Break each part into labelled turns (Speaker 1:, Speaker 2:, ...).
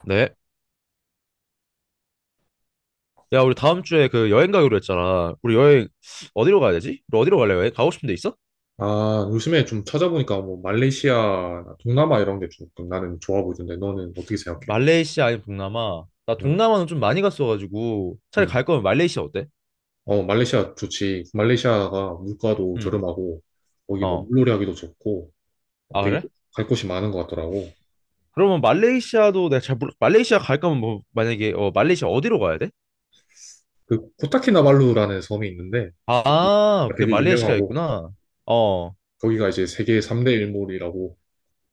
Speaker 1: 네. 야, 우리 다음 주에 그 여행 가기로 했잖아. 우리 여행 어디로 가야 되지? 우리 어디로 갈래? 여행 가고 싶은 데 있어?
Speaker 2: 아, 요즘에 좀 찾아보니까 뭐 말레이시아나 동남아 이런 게 조금 나는 좋아 보이던데 너는 어떻게 생각해?
Speaker 1: 말레이시아 아니면 동남아? 나
Speaker 2: 음,
Speaker 1: 동남아는 좀 많이 갔어가지고 차라리
Speaker 2: 음.
Speaker 1: 갈 거면 말레이시아 어때?
Speaker 2: 어, 말레이시아 좋지. 말레이시아가 물가도
Speaker 1: 응.
Speaker 2: 저렴하고 거기 뭐
Speaker 1: 어.
Speaker 2: 물놀이 하기도 좋고
Speaker 1: 아,
Speaker 2: 되게
Speaker 1: 그래?
Speaker 2: 갈 곳이 많은 것 같더라고.
Speaker 1: 그러면 말레이시아도 내가 잘 몰라. 말레이시아 갈 거면 뭐 만약에 어 말레이시아 어디로 가야 돼?
Speaker 2: 그 코타키나발루라는 섬이 있는데
Speaker 1: 아,
Speaker 2: 거기가
Speaker 1: 그게
Speaker 2: 되게
Speaker 1: 말레이시아
Speaker 2: 유명하고
Speaker 1: 있구나. 어.
Speaker 2: 거기가 이제 세계 3대 일몰이라고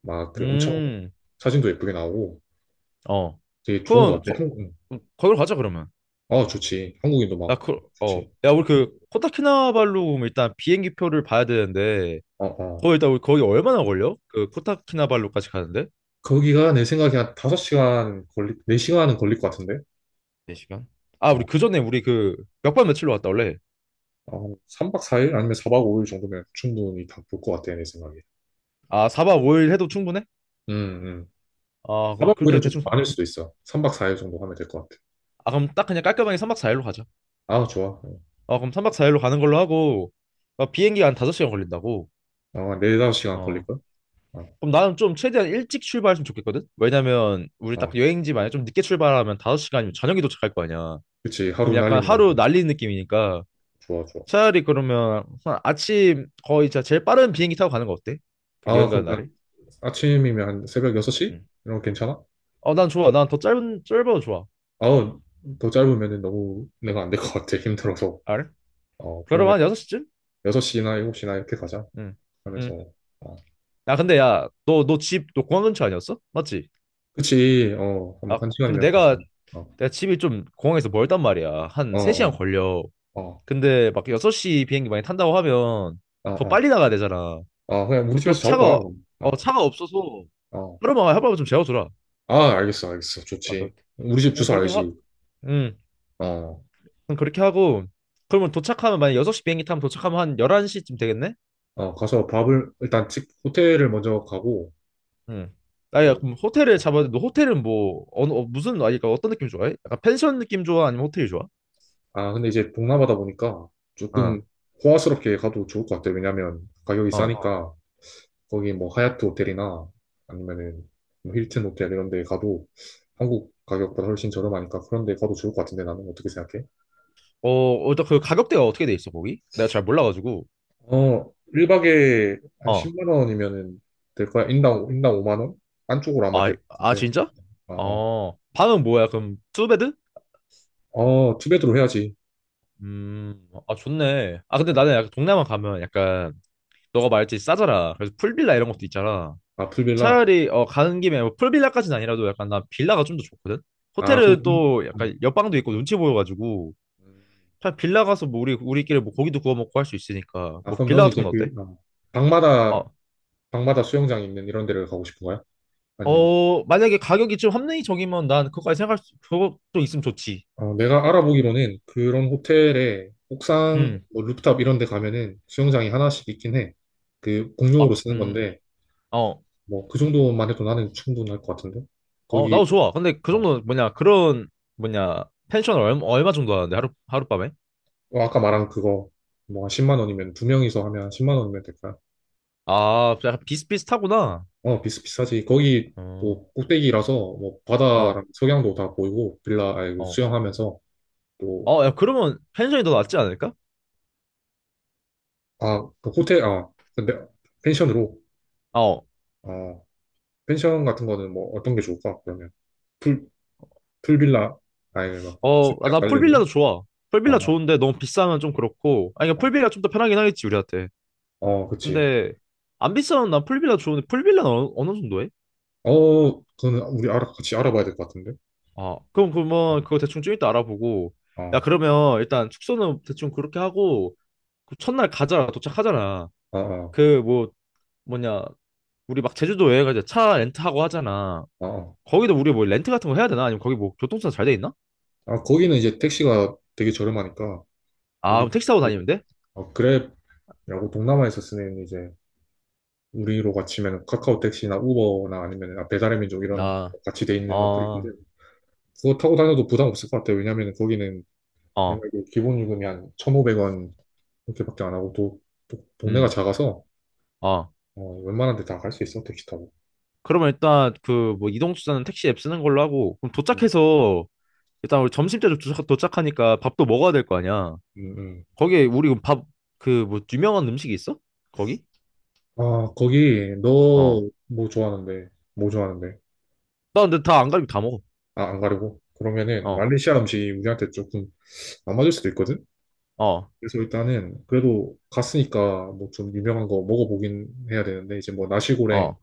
Speaker 2: 막 그 엄청
Speaker 1: 음.
Speaker 2: 사진도 예쁘게 나오고
Speaker 1: 어.
Speaker 2: 되게 좋은
Speaker 1: 그럼
Speaker 2: 것 같아.
Speaker 1: 거,
Speaker 2: 한국,
Speaker 1: 거기로 가자 그러면.
Speaker 2: 아, 좋지. 한국인도
Speaker 1: 야,
Speaker 2: 많고
Speaker 1: 그, 어.
Speaker 2: 좋지.
Speaker 1: 야, 우리 그 코타키나발루 일단 비행기 표를 봐야 되는데
Speaker 2: 어, 어.
Speaker 1: 거의 다 거기 얼마나 걸려? 그 코타키나발루까지 가는데?
Speaker 2: 거기가 내 생각에 한 5시간 4시간은 걸릴 것 같은데?
Speaker 1: 4시간? 아, 우리
Speaker 2: 어,
Speaker 1: 그 전에 우리 그 몇 박 며칠로 왔다 원래.
Speaker 2: 어, 3박 4일 아니면 4박 5일 정도면 충분히 다 볼 것 같아, 내 생각에.
Speaker 1: 아, 4박 5일 해도 충분해?
Speaker 2: 음, 음.
Speaker 1: 아, 그럼
Speaker 2: 4박
Speaker 1: 그렇게
Speaker 2: 5일은 좀
Speaker 1: 대충.
Speaker 2: 많을 수도 있어. 3박 4일 정도 하면 될 것 같아.
Speaker 1: 아, 그럼 딱 그냥 깔끔하게 3박 4일로 가자.
Speaker 2: 아, 좋아.
Speaker 1: 아, 그럼 3박 4일로 가는 걸로 하고 아, 비행기가 한 5시간 걸린다고.
Speaker 2: 아, 4, 5시간
Speaker 1: 어.
Speaker 2: 걸릴걸? 아,
Speaker 1: 그럼 나는 좀 최대한 일찍 출발했으면 좋겠거든? 왜냐면 우리 딱
Speaker 2: 아,
Speaker 1: 여행지 만약에 좀 늦게 출발하면 5시간이면 저녁에 도착할 거 아니야.
Speaker 2: 그치.
Speaker 1: 그럼
Speaker 2: 하루
Speaker 1: 약간
Speaker 2: 날리는 건
Speaker 1: 하루 날리 느낌이니까
Speaker 2: 좋아, 좋아.
Speaker 1: 차라리 그러면 한 아침 거의 진짜 제일 빠른 비행기 타고 가는 거 어때? 그 여행
Speaker 2: 아,
Speaker 1: 가는
Speaker 2: 그럼
Speaker 1: 날에?
Speaker 2: 한 아침이면 한 새벽 6시?
Speaker 1: 응.
Speaker 2: 이런 거 괜찮아?
Speaker 1: 어, 난 좋아. 난 더 짧은 짧아도 좋아.
Speaker 2: 아우, 더 짧으면 너무
Speaker 1: 어.
Speaker 2: 내가 안 될 것 같아. 힘들어서.
Speaker 1: 알?
Speaker 2: 어, 그러면
Speaker 1: 그러면 한 6시쯤?
Speaker 2: 6시나 7시나 이렇게 가자.
Speaker 1: 응. 응.
Speaker 2: 하면서.
Speaker 1: 야, 근데 야, 너 공항 근처 아니었어? 맞지?
Speaker 2: 그치,
Speaker 1: 아,
Speaker 2: 한번 한
Speaker 1: 근데
Speaker 2: 시간이면 가지.
Speaker 1: 내가
Speaker 2: 어,
Speaker 1: 내가 집이 좀 공항에서 멀단 말이야. 한
Speaker 2: 어,
Speaker 1: 3시간
Speaker 2: 어,
Speaker 1: 걸려.
Speaker 2: 어,
Speaker 1: 근데 막 6시 비행기 많이 탄다고 하면
Speaker 2: 어,
Speaker 1: 더
Speaker 2: 어,
Speaker 1: 빨리 나가야 되잖아.
Speaker 2: 어, 그냥 우리
Speaker 1: 그럼
Speaker 2: 집에서
Speaker 1: 또
Speaker 2: 자고 가,
Speaker 1: 차가
Speaker 2: 그럼.
Speaker 1: 어
Speaker 2: 어,
Speaker 1: 차가 없어서
Speaker 2: 어.
Speaker 1: 하루만 좀 재워줘라.
Speaker 2: 아, 알겠어, 알겠어.
Speaker 1: 아까
Speaker 2: 좋지. 우리 집
Speaker 1: 어,
Speaker 2: 주소
Speaker 1: 그렇게 하
Speaker 2: 알지?
Speaker 1: 응.
Speaker 2: 어,
Speaker 1: 그럼 그렇게 하고 그러면 도착하면 만약 6시 비행기 타면 도착하면 한 11시쯤 되겠네?
Speaker 2: 어, 가서 밥을, 일단 집, 호텔을 먼저 가고,
Speaker 1: 응. 아야
Speaker 2: 또,
Speaker 1: 그럼 호텔을
Speaker 2: 어.
Speaker 1: 잡아야 돼. 너 호텔은 뭐 어느 어, 무슨 아니 그러니까 어떤 느낌 좋아해? 약간 펜션 느낌 좋아? 아니면 호텔이 좋아?
Speaker 2: 아, 근데 이제 동남아다 보니까 조금
Speaker 1: 어.
Speaker 2: 호화스럽게 가도 좋을 것 같아. 왜냐면 가격이
Speaker 1: 어.
Speaker 2: 싸니까, 거기 뭐 하얏트 호텔이나 아니면은 뭐 힐튼 호텔 이런 데 가도 한국 가격보다 훨씬 저렴하니까 그런 데 가도 좋을 것 같은데 나는 어떻게 생각해?
Speaker 1: 어, 일단 그 가격대가 어떻게 돼 있어, 거기? 내가 잘 몰라가지고.
Speaker 2: 어, 1박에 한
Speaker 1: 어.
Speaker 2: 10만 원이면은 될 거야? 인당 5만 원? 안쪽으로 아마
Speaker 1: 아,
Speaker 2: 될 것
Speaker 1: 아,
Speaker 2: 같은데.
Speaker 1: 진짜?
Speaker 2: 아, 아.
Speaker 1: 어. 방은 뭐야? 그럼 투베드?
Speaker 2: 어, 어, 투베드로 해야지.
Speaker 1: 음. 아, 좋네. 아, 근데 나는 약간 동남아 가면 약간 너가 말했지 싸잖아. 그래서 풀빌라 이런 것도 있잖아.
Speaker 2: 아, 풀빌라.
Speaker 1: 차라리 어 가는 김에 뭐 풀빌라까지는 아니라도 약간 나 빌라가 좀 더 좋거든.
Speaker 2: 아, 그,
Speaker 1: 호텔은 또
Speaker 2: 음.
Speaker 1: 약간 옆방도 있고 눈치 보여가지고 차 빌라 가서 뭐 우리끼리 뭐 고기도 구워 먹고 할 수 있으니까
Speaker 2: 아,
Speaker 1: 뭐
Speaker 2: 그럼
Speaker 1: 빌라
Speaker 2: 너는
Speaker 1: 같은
Speaker 2: 이제
Speaker 1: 건 어때?
Speaker 2: 그, 방마다,
Speaker 1: 어.
Speaker 2: 방마다 수영장 있는 이런 데를 가고 싶은 거야? 아니면,
Speaker 1: 어, 만약에 가격이 좀 합리적이면 난 그거까지 생각할 수 그것도 있으면 좋지.
Speaker 2: 어, 내가 알아보기로는 그런 호텔에 옥상,
Speaker 1: 음.
Speaker 2: 뭐, 루프탑 이런 데 가면은 수영장이 하나씩 있긴 해. 그, 공용으로
Speaker 1: 아,
Speaker 2: 쓰는 건데,
Speaker 1: 어.
Speaker 2: 뭐, 그 정도만 해도 나는 충분할 것 같은데?
Speaker 1: 어,
Speaker 2: 거기,
Speaker 1: 나도 좋아. 근데 그
Speaker 2: 어,
Speaker 1: 정도는 뭐냐? 그런 뭐냐? 펜션 얼마 정도 하는데 하루 하룻밤에?
Speaker 2: 아까 말한 그거 뭐 한 10만 원이면 2명이서 하면 10만 원이면 될까요?
Speaker 1: 아, 약간 비슷비슷하구나.
Speaker 2: 어, 비슷비슷하지. 거기
Speaker 1: 어.
Speaker 2: 또 꼭대기라서 뭐
Speaker 1: 어.
Speaker 2: 바다랑 석양도 다 보이고 빌라 아니, 그
Speaker 1: 어.
Speaker 2: 수영하면서 또.
Speaker 1: 어, 야, 그러면 펜션이 더 낫지 않을까?
Speaker 2: 아, 그 호텔, 아, 근데 펜션으로,
Speaker 1: 어.
Speaker 2: 아, 펜션 같은 거는 뭐 어떤 게 좋을까 그러면, 풀 풀빌라, 아니, 막
Speaker 1: 어,
Speaker 2: 수영장
Speaker 1: 난
Speaker 2: 깔려
Speaker 1: 풀빌라도
Speaker 2: 있는.
Speaker 1: 좋아. 풀빌라
Speaker 2: 아어
Speaker 1: 좋은데 너무 비싸면 좀 그렇고. 아니, 그러니까 풀빌라 좀 더 편하긴 하겠지, 우리한테.
Speaker 2: 그치.
Speaker 1: 근데 안 비싸면 난 풀빌라 좋은데 풀빌라는 어느, 어느 정도 해?
Speaker 2: 어, 그거는 우리 알아 같이 알아봐야 될 것 같은데.
Speaker 1: 아 그럼 그러면 그거
Speaker 2: 어,
Speaker 1: 대충 좀 이따 알아보고
Speaker 2: 어,
Speaker 1: 야 그러면 일단 숙소는 대충 그렇게 하고 그 첫날 가자 도착하잖아.
Speaker 2: 어, 어,
Speaker 1: 그 뭐 뭐냐 우리 막 제주도 여행 가자 차 렌트하고 하잖아.
Speaker 2: 어, 어.
Speaker 1: 거기도 우리 뭐 렌트 같은 거 해야 되나 아니면 거기 뭐 교통수단 잘 돼 있나?
Speaker 2: 아, 거기는 이제 택시가 되게 저렴하니까,
Speaker 1: 아
Speaker 2: 우리
Speaker 1: 그럼 택시 타고
Speaker 2: 그,
Speaker 1: 다니면 돼?
Speaker 2: 그랩이라고 동남아에서 쓰는, 이제 우리로 같이면 카카오 택시나 우버나 아니면 배달의 민족 이런
Speaker 1: 아,
Speaker 2: 같이 돼 있는 어플인데,
Speaker 1: 어,
Speaker 2: 그거 타고 다녀도 부담 없을 것 같아요. 왜냐하면 거기는 내가
Speaker 1: 어,
Speaker 2: 이게 기본 요금이 한 1,500원 이렇게밖에 안 하고, 또 동네가
Speaker 1: 음,
Speaker 2: 작아서
Speaker 1: 어.
Speaker 2: 어, 웬만한 데 다 갈 수 있어 택시 타고.
Speaker 1: 그러면 일단 그 뭐 이동수단은 택시 앱 쓰는 걸로 하고 그럼
Speaker 2: 음,
Speaker 1: 도착해서 일단 우리 점심 때 도착하니까 밥도 먹어야 될 거 아니야.
Speaker 2: 음, 음.
Speaker 1: 거기에 우리 밥, 그, 뭐, 유명한 음식이 있어? 거기?
Speaker 2: 아, 거기
Speaker 1: 어.
Speaker 2: 너 뭐 좋아하는데,
Speaker 1: 나 근데 다 안 가리고 다 먹어.
Speaker 2: 아, 안 가려고 그러면은
Speaker 1: 어,
Speaker 2: 말레이시아 음식이 우리한테 조금 안 맞을 수도 있거든.
Speaker 1: 어,
Speaker 2: 그래서 일단은 그래도 갔으니까 뭐 좀 유명한 거 먹어보긴 해야 되는데, 이제 뭐 나시고랭,
Speaker 1: 어,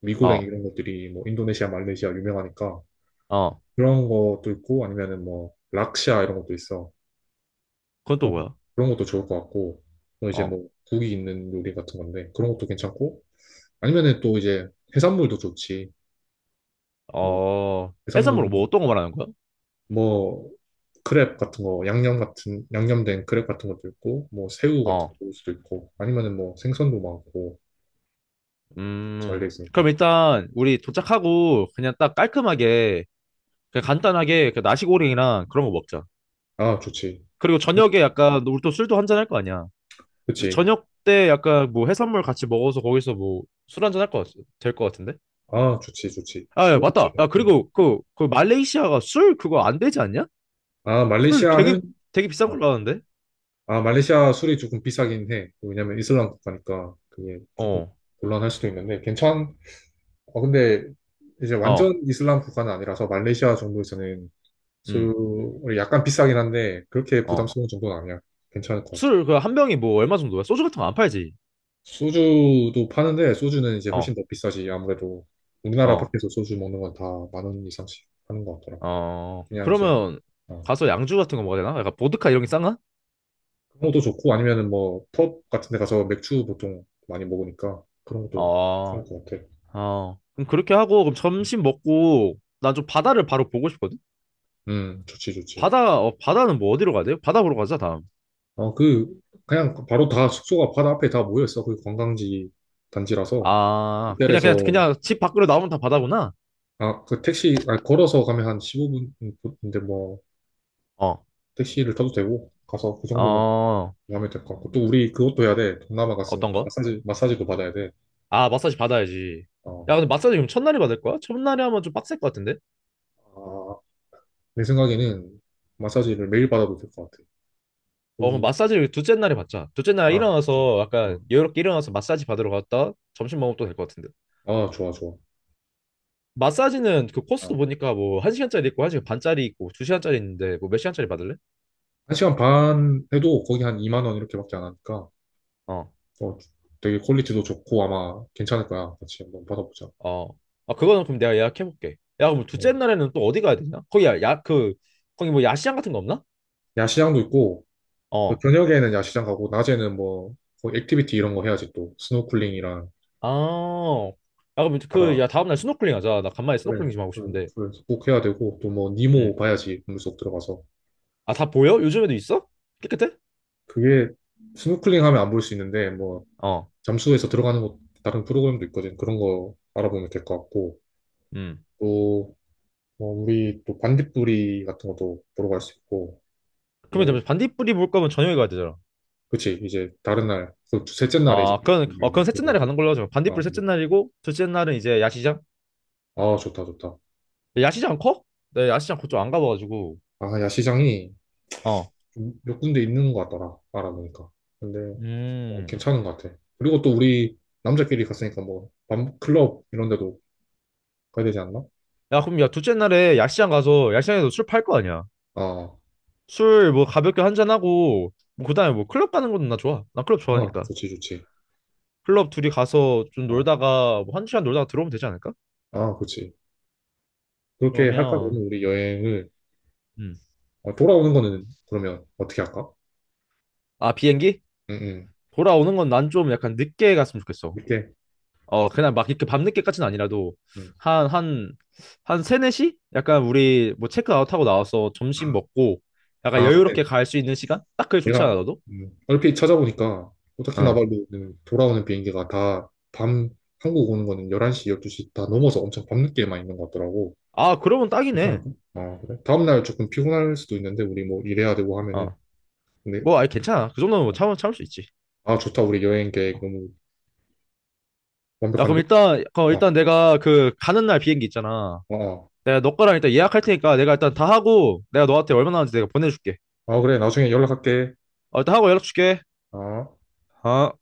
Speaker 2: 미고랭
Speaker 1: 어,
Speaker 2: 이런 것들이 뭐 인도네시아, 말레이시아 유명하니까
Speaker 1: 어.
Speaker 2: 그런 것도 있고, 아니면은 뭐 락샤 이런 것도 있어.
Speaker 1: 그건 또
Speaker 2: 그런 거-
Speaker 1: 뭐야?
Speaker 2: 그런 것도 좋을 것 같고, 또 이제
Speaker 1: 어,
Speaker 2: 뭐 국이 있는 요리 같은 건데 그런 것도 괜찮고, 아니면은 또 이제 해산물도 좋지. 뭐
Speaker 1: 어.
Speaker 2: 해산물,
Speaker 1: 해산물 뭐 어떤 거 말하는 거야?
Speaker 2: 뭐 크랩 같은 거, 양념된 크랩 같은 것도 있고, 뭐 새우 같은
Speaker 1: 어,
Speaker 2: 것도 있을 수도 있고, 아니면은 뭐 생선도 많고 잘
Speaker 1: 음.
Speaker 2: 돼
Speaker 1: 그럼
Speaker 2: 있으니까.
Speaker 1: 일단 우리 도착하고 그냥 딱 깔끔하게, 그냥 간단하게 그 나시고랭이랑 그런 거 먹자.
Speaker 2: 아, 좋지.
Speaker 1: 그리고 저녁에 약간 우리 또 술도 한 잔 할 거 아니야. 그래서
Speaker 2: 그치.
Speaker 1: 저녁 때 약간 뭐 해산물 같이 먹어서 거기서 뭐 술 한잔 할 것, 될것 같은데?
Speaker 2: 아, 좋지, 좋지.
Speaker 1: 아, 예,
Speaker 2: 그럼 이제,
Speaker 1: 맞다. 아,
Speaker 2: 음.
Speaker 1: 그리고 그, 그 말레이시아가 술 그거 안 되지 않냐?
Speaker 2: 아,
Speaker 1: 술 되게,
Speaker 2: 말레이시아는,
Speaker 1: 되게 비싼
Speaker 2: 아,
Speaker 1: 걸로 아는데?
Speaker 2: 아, 말레이시아 술이 조금 비싸긴 해. 왜냐면 이슬람 국가니까 그게 조금
Speaker 1: 어,
Speaker 2: 곤란할 수도 있는데, 어, 근데 이제
Speaker 1: 어,
Speaker 2: 완전 이슬람 국가는 아니라서 말레이시아 정도에서는
Speaker 1: 음,
Speaker 2: 술이 약간 비싸긴 한데, 그렇게
Speaker 1: 어.
Speaker 2: 부담스러운 정도는 아니야. 괜찮을 것 같아.
Speaker 1: 술 그 한 병이 뭐 얼마 정도야? 소주 같은 거 안 팔지?
Speaker 2: 소주도 파는데, 소주는 이제 훨씬
Speaker 1: 어,
Speaker 2: 더 비싸지. 아무래도 우리나라
Speaker 1: 어,
Speaker 2: 밖에서 소주 먹는 건 다 만 원 이상씩 하는 것 같더라.
Speaker 1: 어.
Speaker 2: 그냥 이제,
Speaker 1: 그러면
Speaker 2: 어.
Speaker 1: 가서 양주 같은 거 먹어야 되나? 약간 보드카 이런 게 싼가?
Speaker 2: 그런 것도 좋고, 아니면은 뭐 펍 같은 데 가서 맥주 보통 많이 먹으니까 그런 것도
Speaker 1: 어,
Speaker 2: 괜찮을 것 같아.
Speaker 1: 어. 그럼 그렇게 하고 그럼 점심 먹고 난 좀 바다를 바로 보고 싶거든?
Speaker 2: 좋지, 좋지.
Speaker 1: 바다, 어, 바다는 뭐 어디로 가야 돼요? 바다 보러 가자, 다음.
Speaker 2: 어, 그냥 바로 다 숙소가 바다 앞에 다 모여있어. 그 관광지 단지라서.
Speaker 1: 아, 그냥,
Speaker 2: 호텔에서,
Speaker 1: 그냥, 그냥 집 밖으로 나오면 다 바다구나?
Speaker 2: 아, 그 택시, 아, 걸어서 가면 한 15분인데, 뭐,
Speaker 1: 어,
Speaker 2: 택시를 타도 되고, 가서 그 정도는
Speaker 1: 어,
Speaker 2: 하면 될 것 같고. 또 우리 그것도 해야 돼. 동남아
Speaker 1: 어떤
Speaker 2: 갔으니까
Speaker 1: 거?
Speaker 2: 마사지도 받아야 돼.
Speaker 1: 아, 마사지 받아야지.
Speaker 2: 어,
Speaker 1: 야, 근데 마사지 그럼 첫날에 받을 거야? 첫날에 하면 좀 빡셀 것 같은데?
Speaker 2: 아, 내 생각에는 마사지를 매일 받아도 될 것 같아.
Speaker 1: 어, 그럼
Speaker 2: 거기,
Speaker 1: 마사지를 둘째 날에 받자. 둘째 날
Speaker 2: 아, 그치.
Speaker 1: 일어나서
Speaker 2: 어.
Speaker 1: 약간 여유롭게 일어나서 마사지 받으러 갔다 점심 먹으면 또 될 것 같은데.
Speaker 2: 아, 좋아, 좋아.
Speaker 1: 마사지는 그 코스도
Speaker 2: 어,
Speaker 1: 보니까 뭐 한시간짜리 있고 한시간 반짜리 있고 두시간짜리 있는데 뭐 몇 시간짜리 받을래?
Speaker 2: 1시간 반 해도 거기 한 2만 원 이렇게밖에 안 하니까
Speaker 1: 어,
Speaker 2: 어, 되게 퀄리티도 좋고 아마 괜찮을 거야. 같이 한번 받아보자.
Speaker 1: 어, 아, 그거는 그럼 내가 예약해볼게. 야, 그럼
Speaker 2: 어.
Speaker 1: 둘째 날에는 또 어디 가야 되냐? 거기 야, 야, 그, 거기 뭐 야시장 같은 거 없나?
Speaker 2: 야시장도 있고 또
Speaker 1: 어.
Speaker 2: 저녁에는 야시장 가고 낮에는 뭐뭐 액티비티 이런 거 해야지, 또 스노클링이랑
Speaker 1: 아, 야, 그럼 그,
Speaker 2: 바다.
Speaker 1: 야, 다음날 스노클링 하자. 나 간만에
Speaker 2: 그래,
Speaker 1: 스노클링 좀 하고 싶은데.
Speaker 2: 그래서 꼭 해야 되고, 또 뭐 니모
Speaker 1: 응.
Speaker 2: 봐야지 물속 들어가서.
Speaker 1: 아, 다 보여? 요즘에도 있어? 깨끗해?
Speaker 2: 그게, 스노클링 하면 안 보일 수 있는데 뭐
Speaker 1: 어,
Speaker 2: 잠수해서 들어가는 것, 다른 프로그램도 있거든. 그런 거 알아보면 될 것 같고,
Speaker 1: 음.
Speaker 2: 또, 뭐 우리 또 반딧불이 같은 것도 보러 갈 수 있고,
Speaker 1: 그러면
Speaker 2: 뭐
Speaker 1: 잠시 반딧불이 볼 거면 저녁에 가야 되잖아.
Speaker 2: 그치. 이제 다른 날그 셋째 날에 이제.
Speaker 1: 아, 그건, 어, 그건 셋째 날에
Speaker 2: 그런가?
Speaker 1: 가는 걸로 하죠.
Speaker 2: 아,
Speaker 1: 반딧불 셋째
Speaker 2: 네.
Speaker 1: 날이고, 둘째 날은 이제 야시장?
Speaker 2: 아, 좋다, 좋다.
Speaker 1: 야, 야시장 커? 네, 야시장 그쪽 안 가봐가지고.
Speaker 2: 아, 야시장이
Speaker 1: 어.
Speaker 2: 좀몇 군데 있는 것 같더라, 알아보니까. 근데
Speaker 1: 음.
Speaker 2: 괜찮은 것 같아. 그리고 또 우리 남자끼리 갔으니까 뭐 밤클럽 이런 데도 가야 되지 않나?
Speaker 1: 야, 그럼 야, 둘째 날에 야시장 가서, 야시장에서 술 팔 거 아니야?
Speaker 2: 아,
Speaker 1: 술 뭐 가볍게 한 잔하고, 뭐, 그 다음에 뭐 클럽 가는 것도 나 좋아. 나 클럽
Speaker 2: 아,
Speaker 1: 좋아하니까.
Speaker 2: 좋지, 좋지.
Speaker 1: 클럽 둘이 가서 좀
Speaker 2: 아,
Speaker 1: 놀다가 뭐 한두 시간 놀다가 들어오면 되지 않을까?
Speaker 2: 아, 그치. 그렇게 할까,
Speaker 1: 그러면
Speaker 2: 그러면? 우리 여행을,
Speaker 1: 음.
Speaker 2: 어, 돌아오는 거는 그러면 어떻게 할까?
Speaker 1: 아 비행기?
Speaker 2: 응응
Speaker 1: 돌아오는 건 난 좀 약간 늦게 갔으면 좋겠어.
Speaker 2: 이렇게.
Speaker 1: 어 그냥 막 이렇게 밤늦게까지는 아니라도
Speaker 2: 음.
Speaker 1: 한 한 한 세네 시? 약간 우리 뭐 체크아웃하고 나와서 점심 먹고 약간
Speaker 2: 아,
Speaker 1: 여유롭게 갈 수 있는 시간? 딱 그게 좋지 않아
Speaker 2: 내가,
Speaker 1: 너도?
Speaker 2: 얼핏 찾아보니까 오타키나
Speaker 1: 응.
Speaker 2: 발루는 돌아오는 비행기가 다 밤, 한국 오는 거는 11시, 12시 다 넘어서 엄청 밤늦게만 있는 것 같더라고.
Speaker 1: 아 그러면 딱이네.
Speaker 2: 괜찮을까? 아, 그래? 다음날 조금 피곤할 수도 있는데 우리 뭐 일해야 되고 하면은,
Speaker 1: 어.
Speaker 2: 근데.
Speaker 1: 뭐 아니 괜찮아. 그 정도는 뭐 참을 수 있지.
Speaker 2: 아, 좋다. 우리 여행 계획 너무
Speaker 1: 야 그럼
Speaker 2: 완벽한데?
Speaker 1: 일단 그
Speaker 2: 아,
Speaker 1: 일단 내가 그 가는 날 비행기 있잖아.
Speaker 2: 아, 아.
Speaker 1: 내가 너 거랑 일단 예약할 테니까 내가 일단 다 하고 내가 너한테 얼마나 하는지 내가 보내줄게.
Speaker 2: 아, 그래. 나중에 연락할게.
Speaker 1: 어, 일단 하고 연락 줄게.
Speaker 2: 아.
Speaker 1: 어.